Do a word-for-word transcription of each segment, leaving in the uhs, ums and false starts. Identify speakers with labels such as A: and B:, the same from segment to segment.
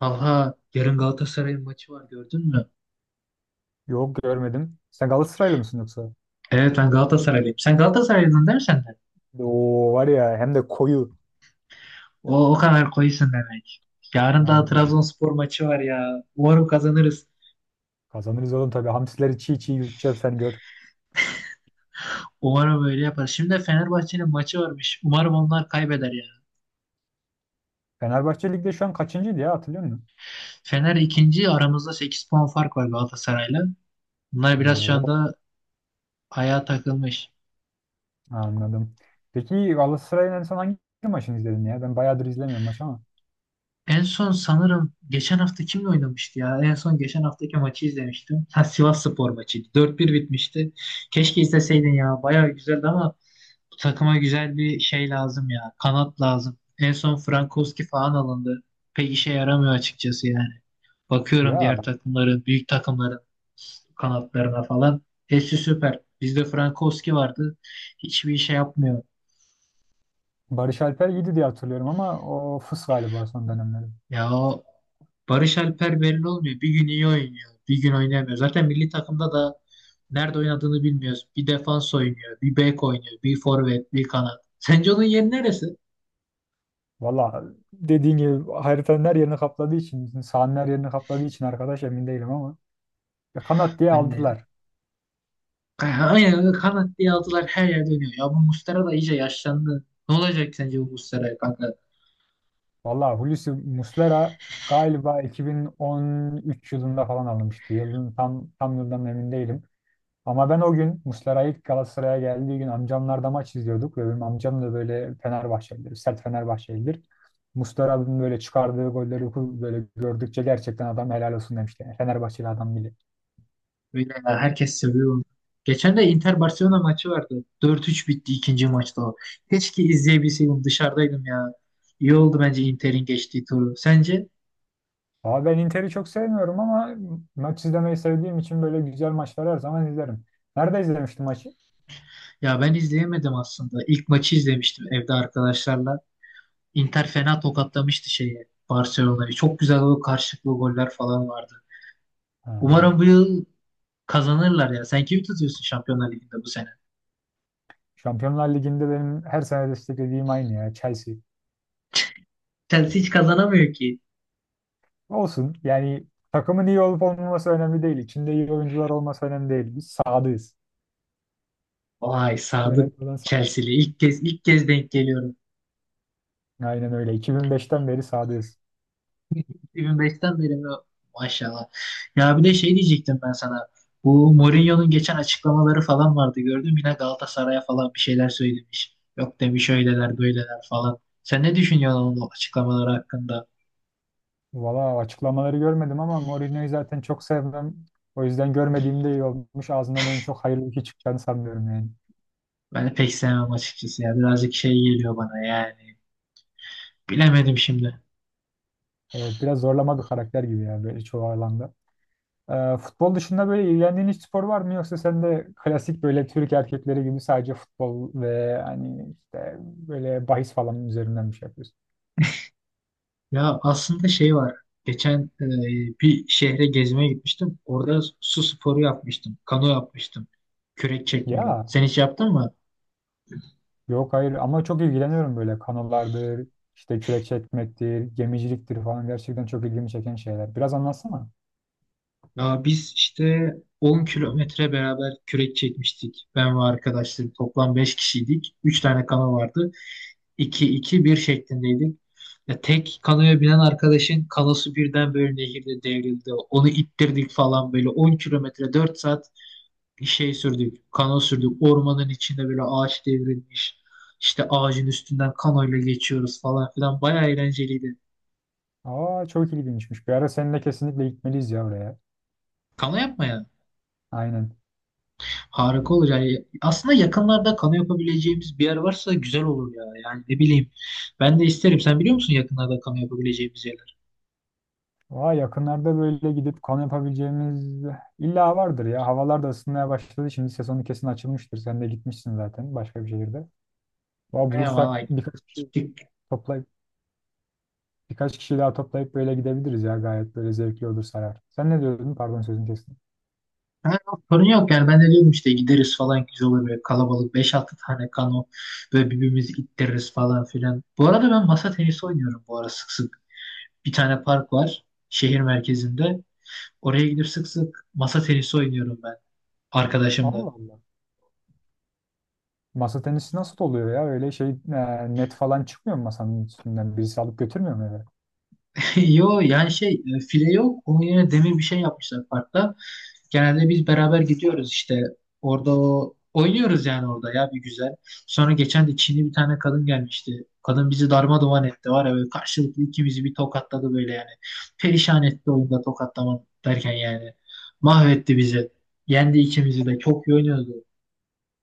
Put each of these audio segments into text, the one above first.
A: Talha, yarın Galatasaray'ın maçı var, gördün mü?
B: Yok, görmedim. Sen Galatasaraylı mısın yoksa?
A: Evet, ben Galatasaraylıyım. Sen Galatasaraylıydın değil mi sen de?
B: Oo, var ya hem de koyu.
A: O, o kadar koyusun demek. Yarın da
B: Aynen.
A: Trabzonspor maçı var ya. Umarım kazanırız.
B: Kazanırız oğlum tabii. Hamsileri çiğ çiğ yutacağız sen gör.
A: Umarım öyle yaparız. Şimdi de Fenerbahçe'nin maçı varmış. Umarım onlar kaybeder ya.
B: Fenerbahçe Lig'de şu an kaçıncıydı ya, hatırlıyor musun?
A: Fener ikinci, aramızda sekiz puan fark var Galatasaray'la. Bunlar biraz şu
B: Oo,
A: anda ayağa takılmış.
B: anladım. Peki, Galatasaray'ın en son hangi maçını izledin ya? Ben bayağıdır izlemiyorum maç ama.
A: En son sanırım geçen hafta kimle oynamıştı ya? En son geçen haftaki maçı izlemiştim. Ha, Sivasspor maçıydı. dört bir bitmişti. Keşke izleseydin ya. Bayağı güzeldi ama bu takıma güzel bir şey lazım ya. Kanat lazım. En son Frankowski falan alındı. Pek işe yaramıyor açıkçası yani. Bakıyorum
B: Ya,
A: diğer takımların, büyük takımların kanatlarına falan. Hepsi süper. Bizde Frankowski vardı. Hiçbir şey yapmıyor.
B: Barış Alper iyiydi diye hatırlıyorum ama o fıs galiba son dönemleri.
A: Ya o Barış Alper belli olmuyor. Bir gün iyi oynuyor, bir gün oynamıyor. Zaten milli takımda da nerede oynadığını bilmiyoruz. Bir defans oynuyor, bir bek oynuyor, bir forvet, bir kanat. Sence onun yeri neresi?
B: Valla, dediğin gibi haritanın her yerini kapladığı için, sahanın her yerini kapladığı için arkadaş emin değilim ama. Ya, kanat diye
A: Ben de
B: aldılar.
A: aynen kanat diye aldılar, her yerde oynuyor. Ya bu Muslera da iyice yaşlandı. Ne olacak sence bu Muslera kanka?
B: Valla Hulusi Muslera galiba iki bin on üç yılında falan alınmıştı. Yılın tam tam yıldan emin değilim. Ama ben o gün Muslera ilk Galatasaray'a geldiği gün amcamlarda maç izliyorduk ve benim amcam da böyle Fenerbahçelidir, sert Fenerbahçelidir. Muslera'nın böyle çıkardığı golleri böyle gördükçe gerçekten adam helal olsun demişti. Yani Fenerbahçeli adam bile.
A: Öyle ya, herkes seviyor onu. Geçen de Inter Barcelona maçı vardı. Dört üç bitti ikinci maçta o. Keşke izleyebilseydim, dışarıdaydım ya. İyi oldu bence Inter'in geçtiği turu. Sence?
B: Ama ben Inter'i çok sevmiyorum ama maç izlemeyi sevdiğim için böyle güzel maçları her zaman izlerim. Nerede izlemiştim maçı?
A: Ya ben izleyemedim aslında. İlk maçı izlemiştim evde arkadaşlarla. Inter fena tokatlamıştı şeyi, Barcelona'yı. Çok güzel o karşılıklı goller falan vardı.
B: Ha.
A: Umarım bu yıl kazanırlar ya. Sen kimi tutuyorsun Şampiyonlar Ligi'nde bu sene?
B: Şampiyonlar Ligi'nde benim her sene desteklediğim aynı ya, Chelsea.
A: Chelsea hiç kazanamıyor ki.
B: Olsun, yani takımın iyi olup olmaması önemli değil. İçinde iyi oyuncular olması önemli değil. Biz sadığız.
A: Vay,
B: Önemli
A: Sadık
B: olan sadık.
A: Chelsea'li. İlk kez ilk kez denk geliyorum.
B: Aynen öyle. iki bin beşten beri sadığız.
A: iki bin beşten beri mi? Maşallah. Ya bir de şey diyecektim ben sana. Bu Mourinho'nun geçen açıklamaları falan vardı, gördüm. Yine Galatasaray'a falan bir şeyler söylemiş. Yok demiş, öyleler böyleler falan. Sen ne düşünüyorsun onun açıklamaları hakkında?
B: Valla açıklamaları görmedim ama Mourinho'yu zaten çok sevmem. O yüzden görmediğimde iyi olmuş. Ağzından onun çok hayırlı bir şey çıkacağını sanmıyorum yani.
A: Ben pek sevmem açıkçası ya. Birazcık şey geliyor bana yani. Bilemedim şimdi.
B: Evet, biraz zorlama bir karakter gibi ya, böyle çoğu alanda. Ee, futbol dışında böyle ilgilendiğin hiç spor var mı, yoksa sen de klasik böyle Türk erkekleri gibi sadece futbol ve hani işte böyle bahis falan üzerinden bir şey yapıyorsun?
A: Ya aslında şey var. Geçen e, bir şehre gezmeye gitmiştim. Orada su sporu yapmıştım. Kano yapmıştım. Kürek çekmeli.
B: Ya,
A: Sen hiç yaptın mı?
B: yok, hayır, ama çok ilgileniyorum böyle kanolardır, işte kürek çekmektir, gemiciliktir falan, gerçekten çok ilgimi çeken şeyler. Biraz anlatsana.
A: Ya biz işte on kilometre beraber kürek çekmiştik. Ben ve arkadaşlarım toplam beş kişiydik. Üç tane kano vardı. İki iki bir şeklindeydik. Ya tek kanoya binen arkadaşın kanosu birden böyle nehirde devrildi. Onu ittirdik falan, böyle on kilometre dört saat şey sürdük. Kano sürdük. Ormanın içinde böyle ağaç devrilmiş. İşte ağacın üstünden kanoyla geçiyoruz falan filan. Bayağı eğlenceliydi.
B: Aa, çok ilginçmiş. Bir ara seninle kesinlikle gitmeliyiz ya oraya.
A: Kano yapma
B: Aynen.
A: harika olur yani. Aslında yakınlarda kano yapabileceğimiz bir yer varsa güzel olur ya. Yani ne bileyim. Ben de isterim. Sen biliyor musun yakınlarda kano yapabileceğimiz yerler?
B: Aa, yakınlarda böyle gidip kamp yapabileceğimiz illa vardır ya. Havalar da ısınmaya başladı. Şimdi sezonu kesin açılmıştır. Sen de gitmişsin zaten başka bir şehirde. Aa,
A: Aynen
B: bulursak
A: vallahi,
B: birkaç kişi
A: gittik.
B: toplayıp birkaç kişi daha toplayıp böyle gidebiliriz ya. Gayet böyle zevkli olur, sarar. Sen ne diyordun? Pardon, sözünü kestim.
A: Ha, sorun yok yani. Ben de diyordum işte gideriz falan, güzel olur böyle kalabalık. Beş altı tane kano, böyle birbirimizi ittiririz falan filan. Bu arada ben masa tenisi oynuyorum bu ara sık sık. Bir tane park var şehir merkezinde. Oraya gidip sık sık masa tenisi oynuyorum ben arkadaşımla.
B: Allah Allah. Masa tenisi nasıl oluyor ya? Öyle şey e, net falan çıkmıyor mu masanın üstünden? Birisi alıp götürmüyor mu eve?
A: Yo yani şey e, file yok. Onun yerine demir bir şey yapmışlar parkta. Genelde biz beraber gidiyoruz işte. Orada o oynuyoruz yani, orada ya bir güzel. Sonra geçen de Çinli bir tane kadın gelmişti. Kadın bizi darmadağın etti var ya, böyle karşılıklı ikimizi bir tokatladı böyle yani. Perişan etti oyunda, tokatlama derken yani. Mahvetti bizi. Yendi ikimizi de, çok iyi oynuyordu.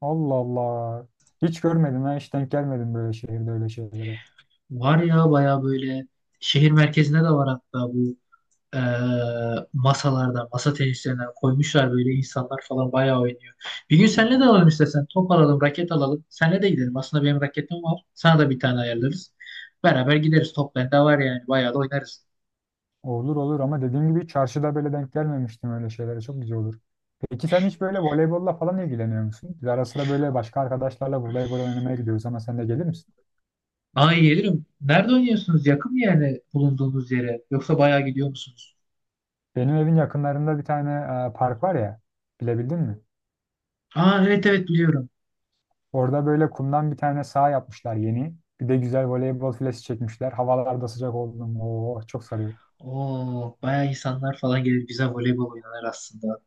B: Allah Allah. Hiç görmedim ha. Hiç denk gelmedim böyle şehirde öyle şeylere.
A: Var ya, baya böyle şehir merkezinde de var hatta bu. e, Masalardan, masa tenislerinden koymuşlar, böyle insanlar falan bayağı oynuyor. Bir gün seninle de alalım istersen. Top alalım, raket alalım. Seninle de gidelim. Aslında benim raketim var. Sana da bir tane ayarlarız. Beraber gideriz. Top bende var yani. Bayağı da oynarız.
B: Olur olur, ama dediğim gibi çarşıda böyle denk gelmemiştim öyle şeylere. Çok güzel olur. Peki, sen hiç böyle voleybolla falan ilgileniyor musun? Biz ara sıra böyle başka arkadaşlarla voleybol oynamaya gidiyoruz, ama sen de gelir misin?
A: Aa, iyi gelirim. Nerede oynuyorsunuz? Yakın bir yere, bulunduğunuz yere. Yoksa bayağı gidiyor musunuz?
B: Benim evin yakınlarında bir tane e, park var ya. Bilebildin mi?
A: Aa, evet evet, biliyorum.
B: Orada böyle kumdan bir tane saha yapmışlar yeni. Bir de güzel voleybol filesi çekmişler. Havalar da sıcak oldu mu, oo, çok sarıyor.
A: Oo, bayağı insanlar falan gelir. Güzel voleybol oynanır aslında.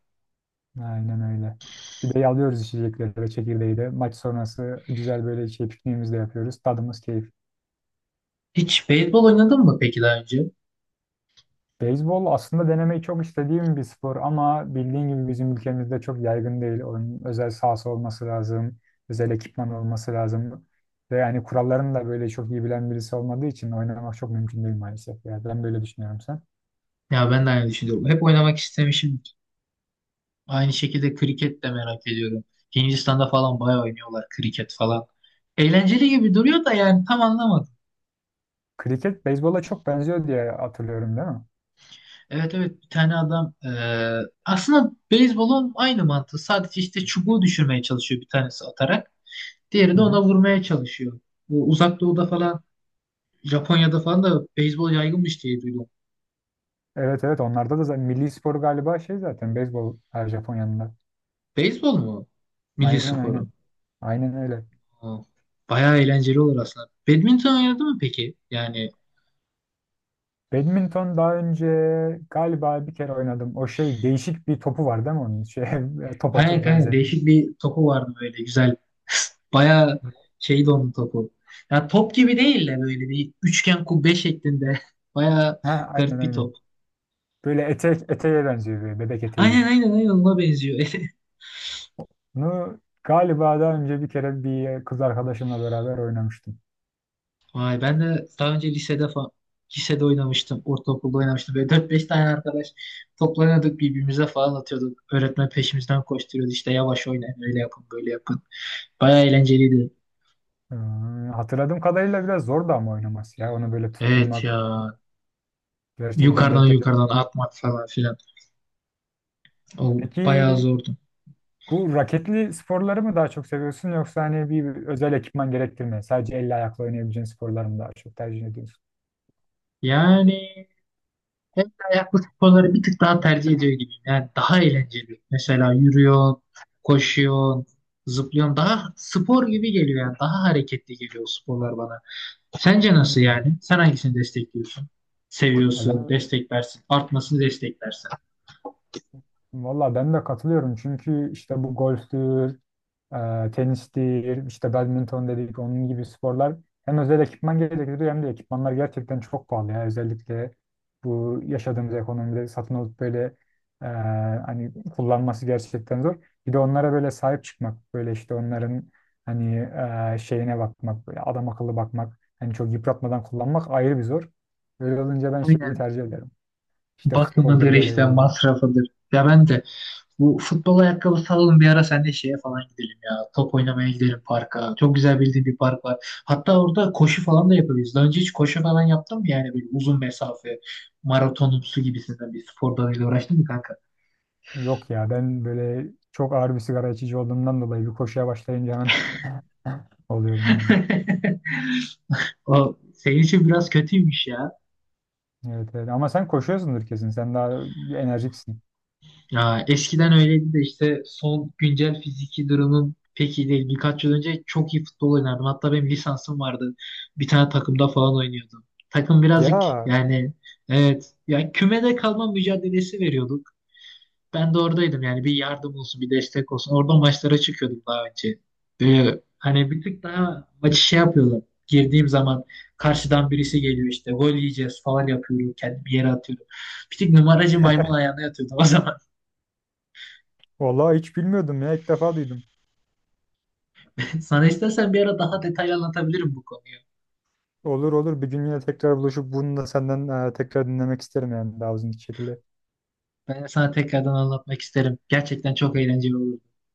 B: Aynen öyle. Bir de yalıyoruz içecekleri de, çekirdeği de. Maç sonrası güzel böyle şey, pikniğimizi de yapıyoruz. Tadımız keyif.
A: Hiç beyzbol oynadın mı peki daha önce?
B: Beyzbol aslında denemeyi çok istediğim bir spor, ama bildiğin gibi bizim ülkemizde çok yaygın değil. Onun özel sahası olması lazım. Özel ekipman olması lazım. Ve yani kurallarını da böyle çok iyi bilen birisi olmadığı için oynamak çok mümkün değil maalesef. Yani ben böyle düşünüyorum, sen.
A: Ya ben de aynı düşünüyorum. Hep oynamak istemişim. Aynı şekilde kriket de merak ediyorum. Hindistan'da falan bayağı oynuyorlar kriket falan. Eğlenceli gibi duruyor da yani, tam anlamadım.
B: Kriket beyzbola çok benziyor diye hatırlıyorum, değil mi?
A: Evet evet, bir tane adam eee, aslında beyzbolun aynı mantığı. Sadece işte çubuğu düşürmeye çalışıyor bir tanesi atarak. Diğeri
B: Hı
A: de ona
B: hı.
A: vurmaya çalışıyor. Bu Uzak Doğu'da falan, Japonya'da falan da beyzbol yaygınmış diye duydum.
B: Evet, evet, onlarda da zaten milli spor galiba, şey zaten beyzbol her Japonya'nın.
A: Beyzbol mu? Milli
B: Aynen,
A: sporu.
B: aynen. Aynen öyle.
A: Ha, bayağı eğlenceli olur aslında. Badminton oynadı mı peki? Yani
B: Badminton daha önce galiba bir kere oynadım. O şey, değişik bir topu var değil mi onun? Şey, topa
A: aynen
B: çok
A: kanka,
B: benzemiyor.
A: değişik bir topu vardı böyle, güzel. Bayağı şeydi onun topu. Ya top gibi değil de böyle bir üçgen kubbe şeklinde. Bayağı
B: Ha, aynen,
A: garip bir
B: aynen.
A: top.
B: Böyle etek, eteğe benziyor, böyle bebek eteği
A: Aynen
B: gibi.
A: aynen aynen, ona benziyor.
B: Bunu galiba daha önce bir kere bir kız arkadaşımla beraber oynamıştım.
A: Vay, ben de daha önce lisede falan lisede oynamıştım. Ortaokulda oynamıştım. Böyle dört beş tane arkadaş toplanıyorduk, birbirimize falan atıyorduk. Öğretmen peşimizden koşturuyordu, işte yavaş oynayın, öyle yapın, böyle yapın. Bayağı eğlenceliydi.
B: Ee, Hatırladığım kadarıyla biraz zor da ama oynaması ya. Onu böyle
A: Evet
B: tutturmak,
A: ya.
B: gerçekten
A: Yukarıdan
B: denk
A: yukarıdan
B: getirmek lazım.
A: atmak falan filan. O bayağı
B: Peki,
A: zordu.
B: bu raketli sporları mı daha çok seviyorsun, yoksa hani bir özel ekipman gerektirmeyen sadece elle ayakla oynayabileceğin sporları mı daha çok tercih ediyorsun?
A: Yani el ayaklı sporları bir tık daha tercih ediyor gibiyim. Yani daha eğlenceli. Mesela yürüyorsun, koşuyorsun, zıplıyorsun. Daha spor gibi geliyor yani. Daha hareketli geliyor o sporlar bana. Sence nasıl
B: Hmm.
A: yani? Sen hangisini destekliyorsun?
B: Ya,
A: Seviyorsun,
B: Ben,
A: desteklersin. Artmasını desteklersin.
B: valla ben de katılıyorum, çünkü işte bu golftür, e, tenis değil, işte badminton dedik, onun gibi sporlar hem özel ekipman gerektiriyor hem de ekipmanlar gerçekten çok pahalı ya. Özellikle bu yaşadığımız ekonomide satın alıp böyle e, hani kullanması gerçekten zor. Bir de onlara böyle sahip çıkmak, böyle işte onların hani e, şeyine bakmak, böyle adam akıllı bakmak, hani çok yıpratmadan kullanmak ayrı bir zor. Öyle olunca ben şeyi
A: Aynen.
B: tercih ederim. İşte futboldur,
A: Bakımıdır, işte
B: voleyboldur.
A: masrafıdır. Ya ben de bu futbol ayakkabısı alalım bir ara, sen de şeye falan gidelim ya. Top oynamaya gidelim parka. Çok güzel bildiğim bir park var. Hatta orada koşu falan da yapabiliriz. Daha önce hiç koşu falan yaptın mı, yani böyle uzun mesafe maratonumsu gibisinden bir spor dalıyla uğraştın mı kanka?
B: Yok ya, ben böyle çok ağır bir sigara içici olduğumdan dolayı bir koşuya başlayınca hemen oluyorum yani.
A: O senin için biraz kötüymüş ya.
B: Evet, evet. Ama sen koşuyorsundur kesin. Sen daha enerjiksin.
A: Ya eskiden öyleydi de işte son güncel fiziki durumum pek iyi değil. Birkaç yıl önce çok iyi futbol oynardım. Hatta benim lisansım vardı. Bir tane takımda falan oynuyordum. Takım birazcık
B: Ya
A: yani, evet ya, kümede kalma mücadelesi veriyorduk. Ben de oradaydım yani, bir yardım olsun bir destek olsun. Oradan maçlara çıkıyordum daha önce. Böyle hani bir tık daha maçı şey yapıyordum. Girdiğim zaman karşıdan birisi geliyor, işte gol yiyeceğiz falan yapıyorum. Kendimi yere atıyorum. Bir tık numaracı, maymun ayağına yatıyordum o zaman.
B: vallahi hiç bilmiyordum ya, ilk defa duydum.
A: Sana istersen bir ara daha detaylı anlatabilirim bu konuyu.
B: Olur olur, bir gün yine tekrar buluşup bunu da senden e, tekrar dinlemek isterim yani, daha uzun şekilde.
A: Ben sana tekrardan anlatmak isterim. Gerçekten çok eğlenceli olur.